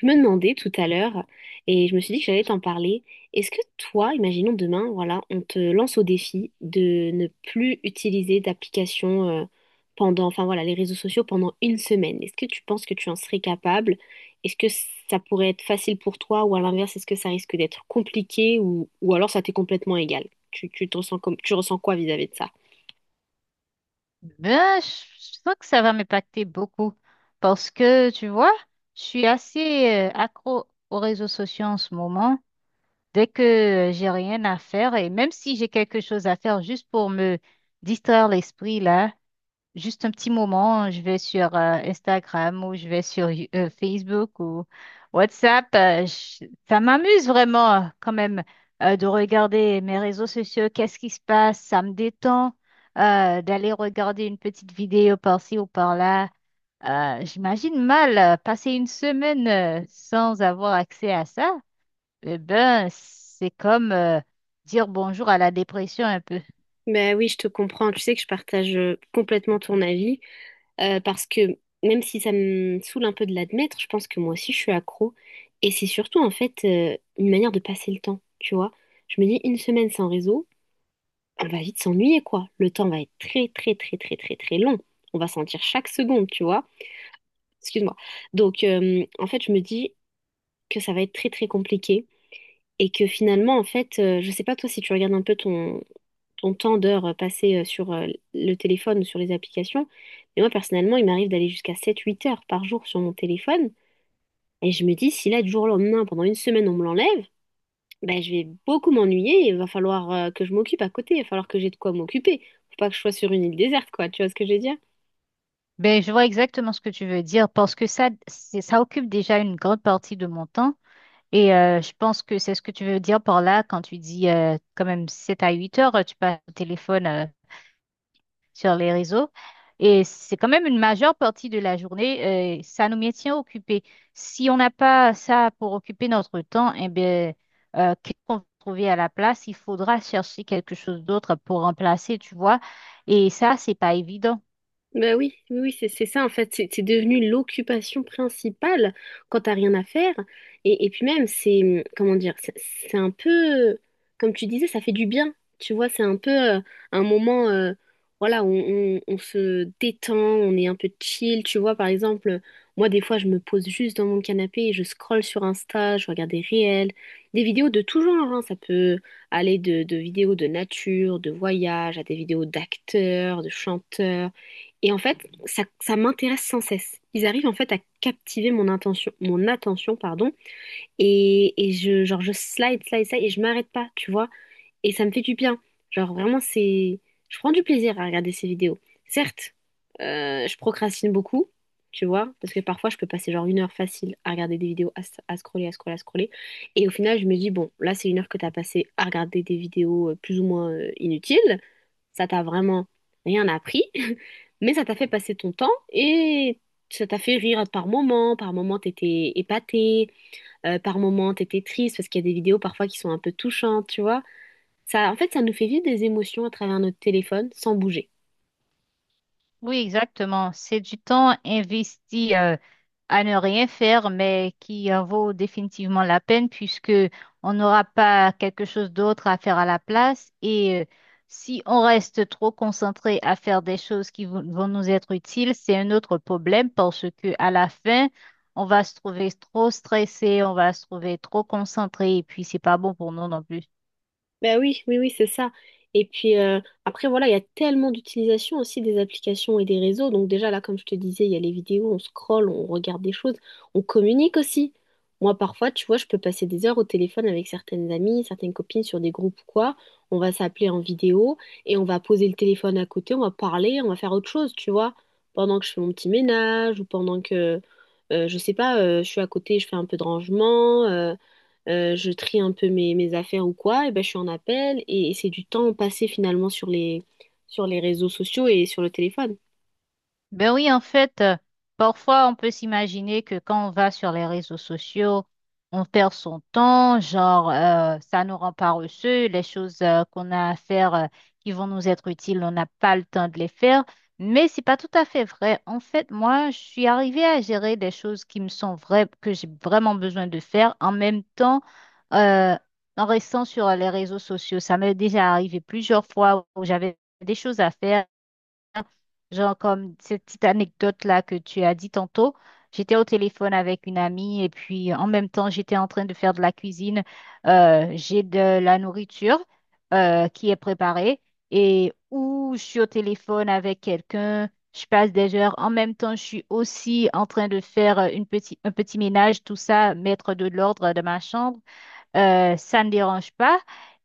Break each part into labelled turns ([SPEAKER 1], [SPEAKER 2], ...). [SPEAKER 1] Je me demandais tout à l'heure, et je me suis dit que j'allais t'en parler, est-ce que toi, imaginons demain, voilà, on te lance au défi de ne plus utiliser d'application pendant, enfin voilà, les réseaux sociaux pendant une semaine. Est-ce que tu penses que tu en serais capable? Est-ce que ça pourrait être facile pour toi ou à l'inverse, est-ce que ça risque d'être compliqué ou alors ça t'est complètement égal? Tu te ressens comme, tu ressens quoi vis-à-vis de ça?
[SPEAKER 2] Ben, je sens que ça va m'impacter beaucoup parce que, tu vois, je suis assez accro aux réseaux sociaux en ce moment. Dès que j'ai rien à faire et même si j'ai quelque chose à faire juste pour me distraire l'esprit là, juste un petit moment, je vais sur Instagram ou je vais sur Facebook ou WhatsApp. Ça m'amuse vraiment quand même de regarder mes réseaux sociaux, qu'est-ce qui se passe, ça me détend d'aller regarder une petite vidéo par-ci ou par-là. J'imagine mal passer une semaine sans avoir accès à ça. Eh ben, c'est comme dire bonjour à la dépression un peu.
[SPEAKER 1] Ben oui, je te comprends. Tu sais que je partage complètement ton avis parce que même si ça me saoule un peu de l'admettre, je pense que moi aussi je suis accro. Et c'est surtout en fait une manière de passer le temps, tu vois. Je me dis une semaine sans réseau, on va vite s'ennuyer quoi. Le temps va être très très très très très très long. On va sentir chaque seconde, tu vois. Excuse-moi. Donc, en fait, je me dis que ça va être très, très compliqué et que finalement, en fait, je sais pas toi si tu regardes un peu ton, ton temps d'heure passé sur le téléphone ou sur les applications, mais moi, personnellement, il m'arrive d'aller jusqu'à 7 8 heures par jour sur mon téléphone et je me dis, si là, du jour au lendemain, pendant une semaine, on me l'enlève, ben, je vais beaucoup m'ennuyer et il va falloir que je m'occupe à côté, il va falloir que j'ai de quoi m'occuper. Faut pas que je sois sur une île déserte, quoi, tu vois ce que je veux dire?
[SPEAKER 2] Ben, je vois exactement ce que tu veux dire parce que ça, ça occupe déjà une grande partie de mon temps et je pense que c'est ce que tu veux dire par là quand tu dis quand même 7 à 8 heures, tu passes au téléphone sur les réseaux et c'est quand même une majeure partie de la journée, ça nous maintient occupés. Si on n'a pas ça pour occuper notre temps, eh ben, qu'est-ce qu'on va trouver à la place? Il faudra chercher quelque chose d'autre pour remplacer, tu vois, et ça, c'est pas évident.
[SPEAKER 1] Ben oui, oui, oui, c'est ça en fait, c'est devenu l'occupation principale quand t'as rien à faire. Et puis même, c'est, comment dire, c'est un peu, comme tu disais, ça fait du bien, tu vois, c'est un peu un moment, voilà, où on, on se détend, on est un peu chill, tu vois, par exemple, moi des fois je me pose juste dans mon canapé et je scrolle sur Insta, je regarde des réels, des vidéos de tout genre, hein, ça peut aller de vidéos de nature, de voyage, à des vidéos d'acteurs, de chanteurs. Et en fait, ça m'intéresse sans cesse. Ils arrivent en fait à captiver mon attention, pardon, et je, genre, je slide, slide, slide, et je m'arrête pas, tu vois. Et ça me fait du bien. Genre, vraiment, c'est... Je prends du plaisir à regarder ces vidéos. Certes, je procrastine beaucoup, tu vois, parce que parfois, je peux passer genre une heure facile à regarder des vidéos, à, à scroller, à scroller, à scroller. Et au final, je me dis, bon, là, c'est une heure que t'as passé à regarder des vidéos plus ou moins inutiles. Ça t'a vraiment rien appris, mais ça t'a fait passer ton temps et ça t'a fait rire par moments. Par moments, t'étais épaté, par moments, t'étais triste parce qu'il y a des vidéos parfois qui sont un peu touchantes, tu vois. Ça, en fait, ça nous fait vivre des émotions à travers notre téléphone sans bouger.
[SPEAKER 2] Oui, exactement. C'est du temps investi à ne rien faire, mais qui en vaut définitivement la peine puisque on n'aura pas quelque chose d'autre à faire à la place. Et si on reste trop concentré à faire des choses qui vont nous être utiles, c'est un autre problème parce que à la fin, on va se trouver trop stressé, on va se trouver trop concentré et puis c'est pas bon pour nous non plus.
[SPEAKER 1] Ben oui, oui, oui, c'est ça. Et puis après, voilà, il y a tellement d'utilisation aussi des applications et des réseaux. Donc déjà, là, comme je te disais, il y a les vidéos, on scrolle, on regarde des choses, on communique aussi. Moi, parfois, tu vois, je peux passer des heures au téléphone avec certaines amies, certaines copines sur des groupes ou quoi. On va s'appeler en vidéo et on va poser le téléphone à côté, on va parler, on va faire autre chose, tu vois, pendant que je fais mon petit ménage ou pendant que, je sais pas, je suis à côté, je fais un peu de rangement. Je trie un peu mes, mes affaires ou quoi, et ben, je suis en appel et c'est du temps passé finalement sur les réseaux sociaux et sur le téléphone.
[SPEAKER 2] Ben oui, en fait, parfois on peut s'imaginer que quand on va sur les réseaux sociaux, on perd son temps, genre ça nous rend paresseux, les choses qu'on a à faire qui vont nous être utiles, on n'a pas le temps de les faire. Mais c'est pas tout à fait vrai. En fait, moi, je suis arrivée à gérer des choses qui me sont vraies, que j'ai vraiment besoin de faire, en même temps euh, en restant sur les réseaux sociaux. Ça m'est déjà arrivé plusieurs fois où j'avais des choses à faire. Genre comme cette petite anecdote-là que tu as dit tantôt, j'étais au téléphone avec une amie et puis en même temps, j'étais en train de faire de la cuisine. J'ai de la nourriture qui est préparée et ou je suis au téléphone avec quelqu'un, je passe des heures. En même temps, je suis aussi en train de faire un petit ménage, tout ça, mettre de l'ordre dans ma chambre ça ne dérange pas.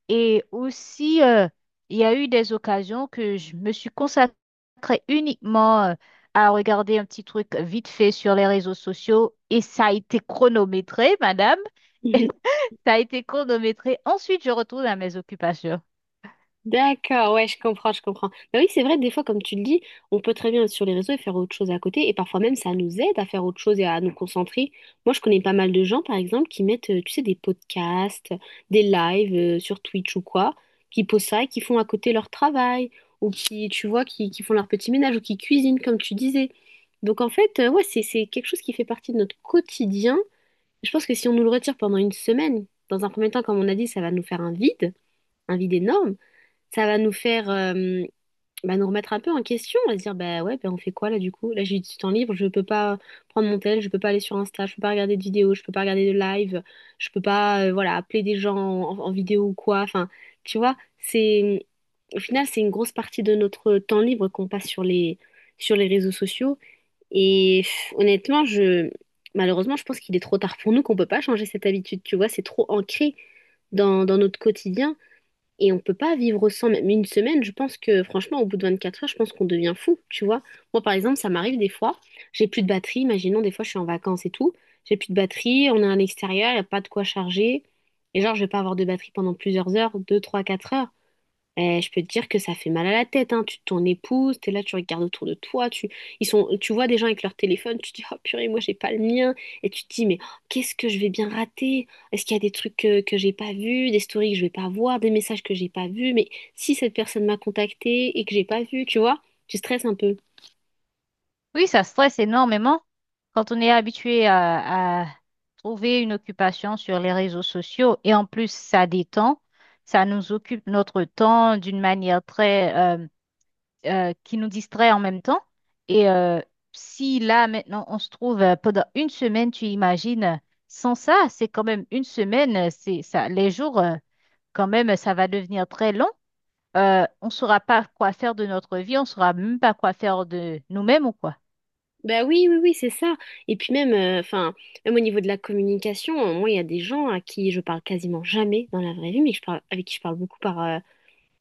[SPEAKER 2] Et aussi, il y a eu des occasions que je me suis consacrée uniquement à regarder un petit truc vite fait sur les réseaux sociaux et ça a été chronométré, madame. Et ça a été chronométré. Ensuite, je retourne à mes occupations.
[SPEAKER 1] D'accord, ouais, je comprends, je comprends. Mais oui, c'est vrai, des fois, comme tu le dis, on peut très bien être sur les réseaux et faire autre chose à côté, et parfois même, ça nous aide à faire autre chose et à nous concentrer. Moi, je connais pas mal de gens, par exemple, qui mettent, tu sais, des podcasts, des lives, sur Twitch ou quoi, qui posent ça et qui font à côté leur travail, ou qui, tu vois, qui font leur petit ménage, ou qui cuisinent, comme tu disais. Donc, en fait, ouais, c'est quelque chose qui fait partie de notre quotidien. Je pense que si on nous le retire pendant une semaine, dans un premier temps, comme on a dit, ça va nous faire un vide énorme ça va nous faire bah, nous remettre un peu en question. On va se dire, bah ouais, bah, on fait quoi là du coup? Là, j'ai du temps libre, je peux pas prendre mon tel, je peux pas aller sur Insta, je peux pas regarder de vidéos, je peux pas regarder de live, je peux pas voilà, appeler des gens en, en vidéo ou quoi. Enfin, tu vois, c'est au final, c'est une grosse partie de notre temps libre qu'on passe sur les réseaux sociaux. Et pff, honnêtement, je, malheureusement, je pense qu'il est trop tard pour nous, qu'on peut pas changer cette habitude. Tu vois, c'est trop ancré dans, dans notre quotidien. Et on peut pas vivre sans même une semaine. Je pense que franchement, au bout de 24 heures, je pense qu'on devient fou, tu vois. Moi, par exemple, ça m'arrive des fois, j'ai plus de batterie. Imaginons, des fois, je suis en vacances et tout. J'ai plus de batterie, on est à l'extérieur, il n'y a pas de quoi charger. Et genre, je vais pas avoir de batterie pendant plusieurs heures, 2 3 4 heures. Eh, je peux te dire que ça fait mal à la tête, hein. Tu te tournes épouse, t'es là, tu regardes autour de toi, tu, ils sont, tu vois des gens avec leur téléphone, tu te dis, oh purée, moi j'ai pas le mien. Et tu te dis, mais oh, qu'est-ce que je vais bien rater? Est-ce qu'il y a des trucs que j'ai pas vus, des stories que je vais pas voir, des messages que j'ai pas vus? Mais si cette personne m'a contacté et que j'ai pas vu, tu vois, tu stresses un peu.
[SPEAKER 2] Oui, ça stresse énormément quand on est habitué à trouver une occupation sur les réseaux sociaux et en plus, ça détend. Ça nous occupe notre temps d'une manière très, qui nous distrait en même temps. Et si là, maintenant, on se trouve pendant une semaine, tu imagines, sans ça, c'est quand même une semaine, c'est ça, les jours, quand même, ça va devenir très long. On ne saura pas quoi faire de notre vie, on ne saura même pas quoi faire de nous-mêmes ou quoi.
[SPEAKER 1] Bah oui, oui, oui, c'est ça. Et puis même, enfin, même au niveau de la communication, moi, il y a des gens à qui je parle quasiment jamais dans la vraie vie, mais que je parle, avec qui je parle beaucoup par,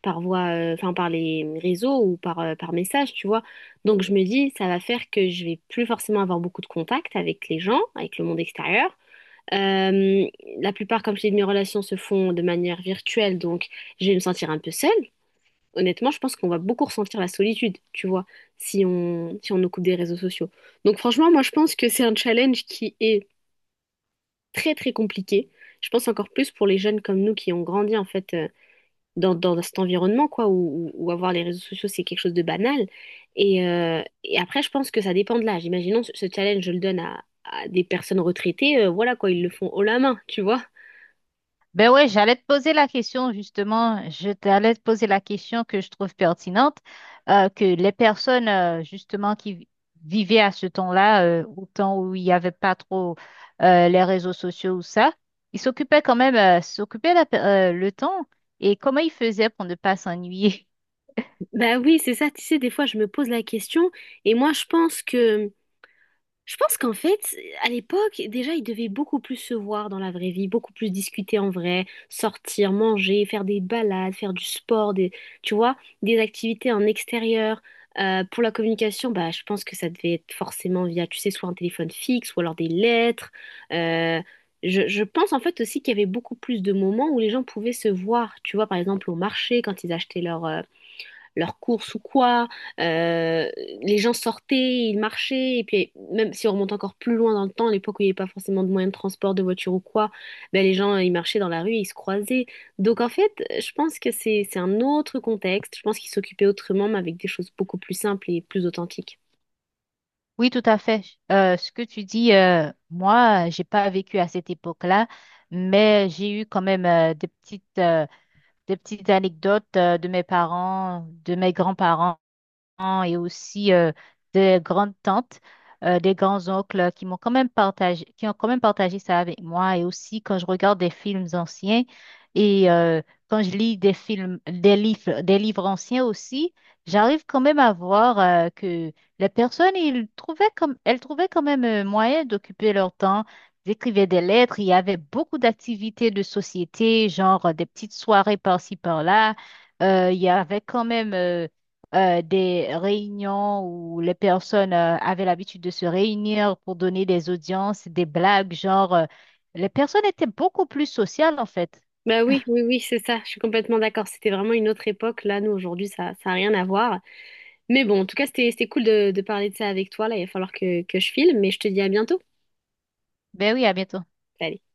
[SPEAKER 1] par voie, enfin par les réseaux ou par, par message, tu vois. Donc je me dis, ça va faire que je vais plus forcément avoir beaucoup de contact avec les gens, avec le monde extérieur. Euh, la plupart, comme je t'ai dit, de mes relations se font de manière virtuelle, donc je vais me sentir un peu seule. Honnêtement, je pense qu'on va beaucoup ressentir la solitude, tu vois, si on, si on nous coupe des réseaux sociaux. Donc franchement, moi je pense que c'est un challenge qui est très très compliqué. Je pense encore plus pour les jeunes comme nous qui ont grandi en fait dans, dans cet environnement, quoi, où, où avoir les réseaux sociaux, c'est quelque chose de banal. Et après, je pense que ça dépend de l'âge. Imaginons ce challenge, je le donne à des personnes retraitées, voilà, quoi, ils le font haut la main, tu vois.
[SPEAKER 2] Ben ouais, j'allais te poser la question justement, je t'allais te poser la question que je trouve pertinente, que les personnes justement qui vivaient à ce temps-là, au temps où il n'y avait pas trop les réseaux sociaux ou ça, ils s'occupaient quand même, le temps et comment ils faisaient pour ne pas s'ennuyer?
[SPEAKER 1] Bah oui, c'est ça, tu sais, des fois, je me pose la question, et moi, je pense que Je pense qu'en fait, à l'époque, déjà, ils devaient beaucoup plus se voir dans la vraie vie, beaucoup plus discuter en vrai, sortir, manger, faire des balades, faire du sport, des, tu vois, des activités en extérieur. Pour la communication, bah, je pense que ça devait être forcément via, tu sais, soit un téléphone fixe ou alors des lettres. Euh, je pense en fait aussi qu'il y avait beaucoup plus de moments où les gens pouvaient se voir, tu vois, par exemple au marché, quand ils achetaient leurs leurs courses ou quoi. Euh, les gens sortaient, ils marchaient. Et puis, même si on remonte encore plus loin dans le temps, à l'époque où il n'y avait pas forcément de moyens de transport, de voiture ou quoi, ben, les gens, ils marchaient dans la rue, ils se croisaient. Donc, en fait, je pense que c'est un autre contexte. Je pense qu'ils s'occupaient autrement, mais avec des choses beaucoup plus simples et plus authentiques.
[SPEAKER 2] Oui, tout à fait. Ce que tu dis, moi, j'ai pas vécu à cette époque-là, mais j'ai eu quand même des petites anecdotes de mes parents, de mes grands-parents et aussi des grandes-tantes, des grands-oncles qui m'ont quand même partagé, qui ont quand même partagé ça avec moi. Et aussi quand je regarde des films anciens et quand je lis des films, des livres anciens aussi, j'arrive quand même à voir que les personnes, elles trouvaient quand même moyen d'occuper leur temps. Ils écrivaient des lettres, il y avait beaucoup d'activités de société, genre des petites soirées par-ci par-là. Il y avait quand même des réunions où les personnes avaient l'habitude de se réunir pour donner des audiences, des blagues, les personnes étaient beaucoup plus sociales en fait.
[SPEAKER 1] Bah oui, oui, oui, c'est ça, je suis complètement d'accord. C'était vraiment une autre époque. Là, nous, aujourd'hui, ça a rien à voir. Mais bon, en tout cas, c'était, c'était cool de parler de ça avec toi. Là, il va falloir que je file, mais je te dis à bientôt.
[SPEAKER 2] Ben oui, à bientôt.
[SPEAKER 1] Salut.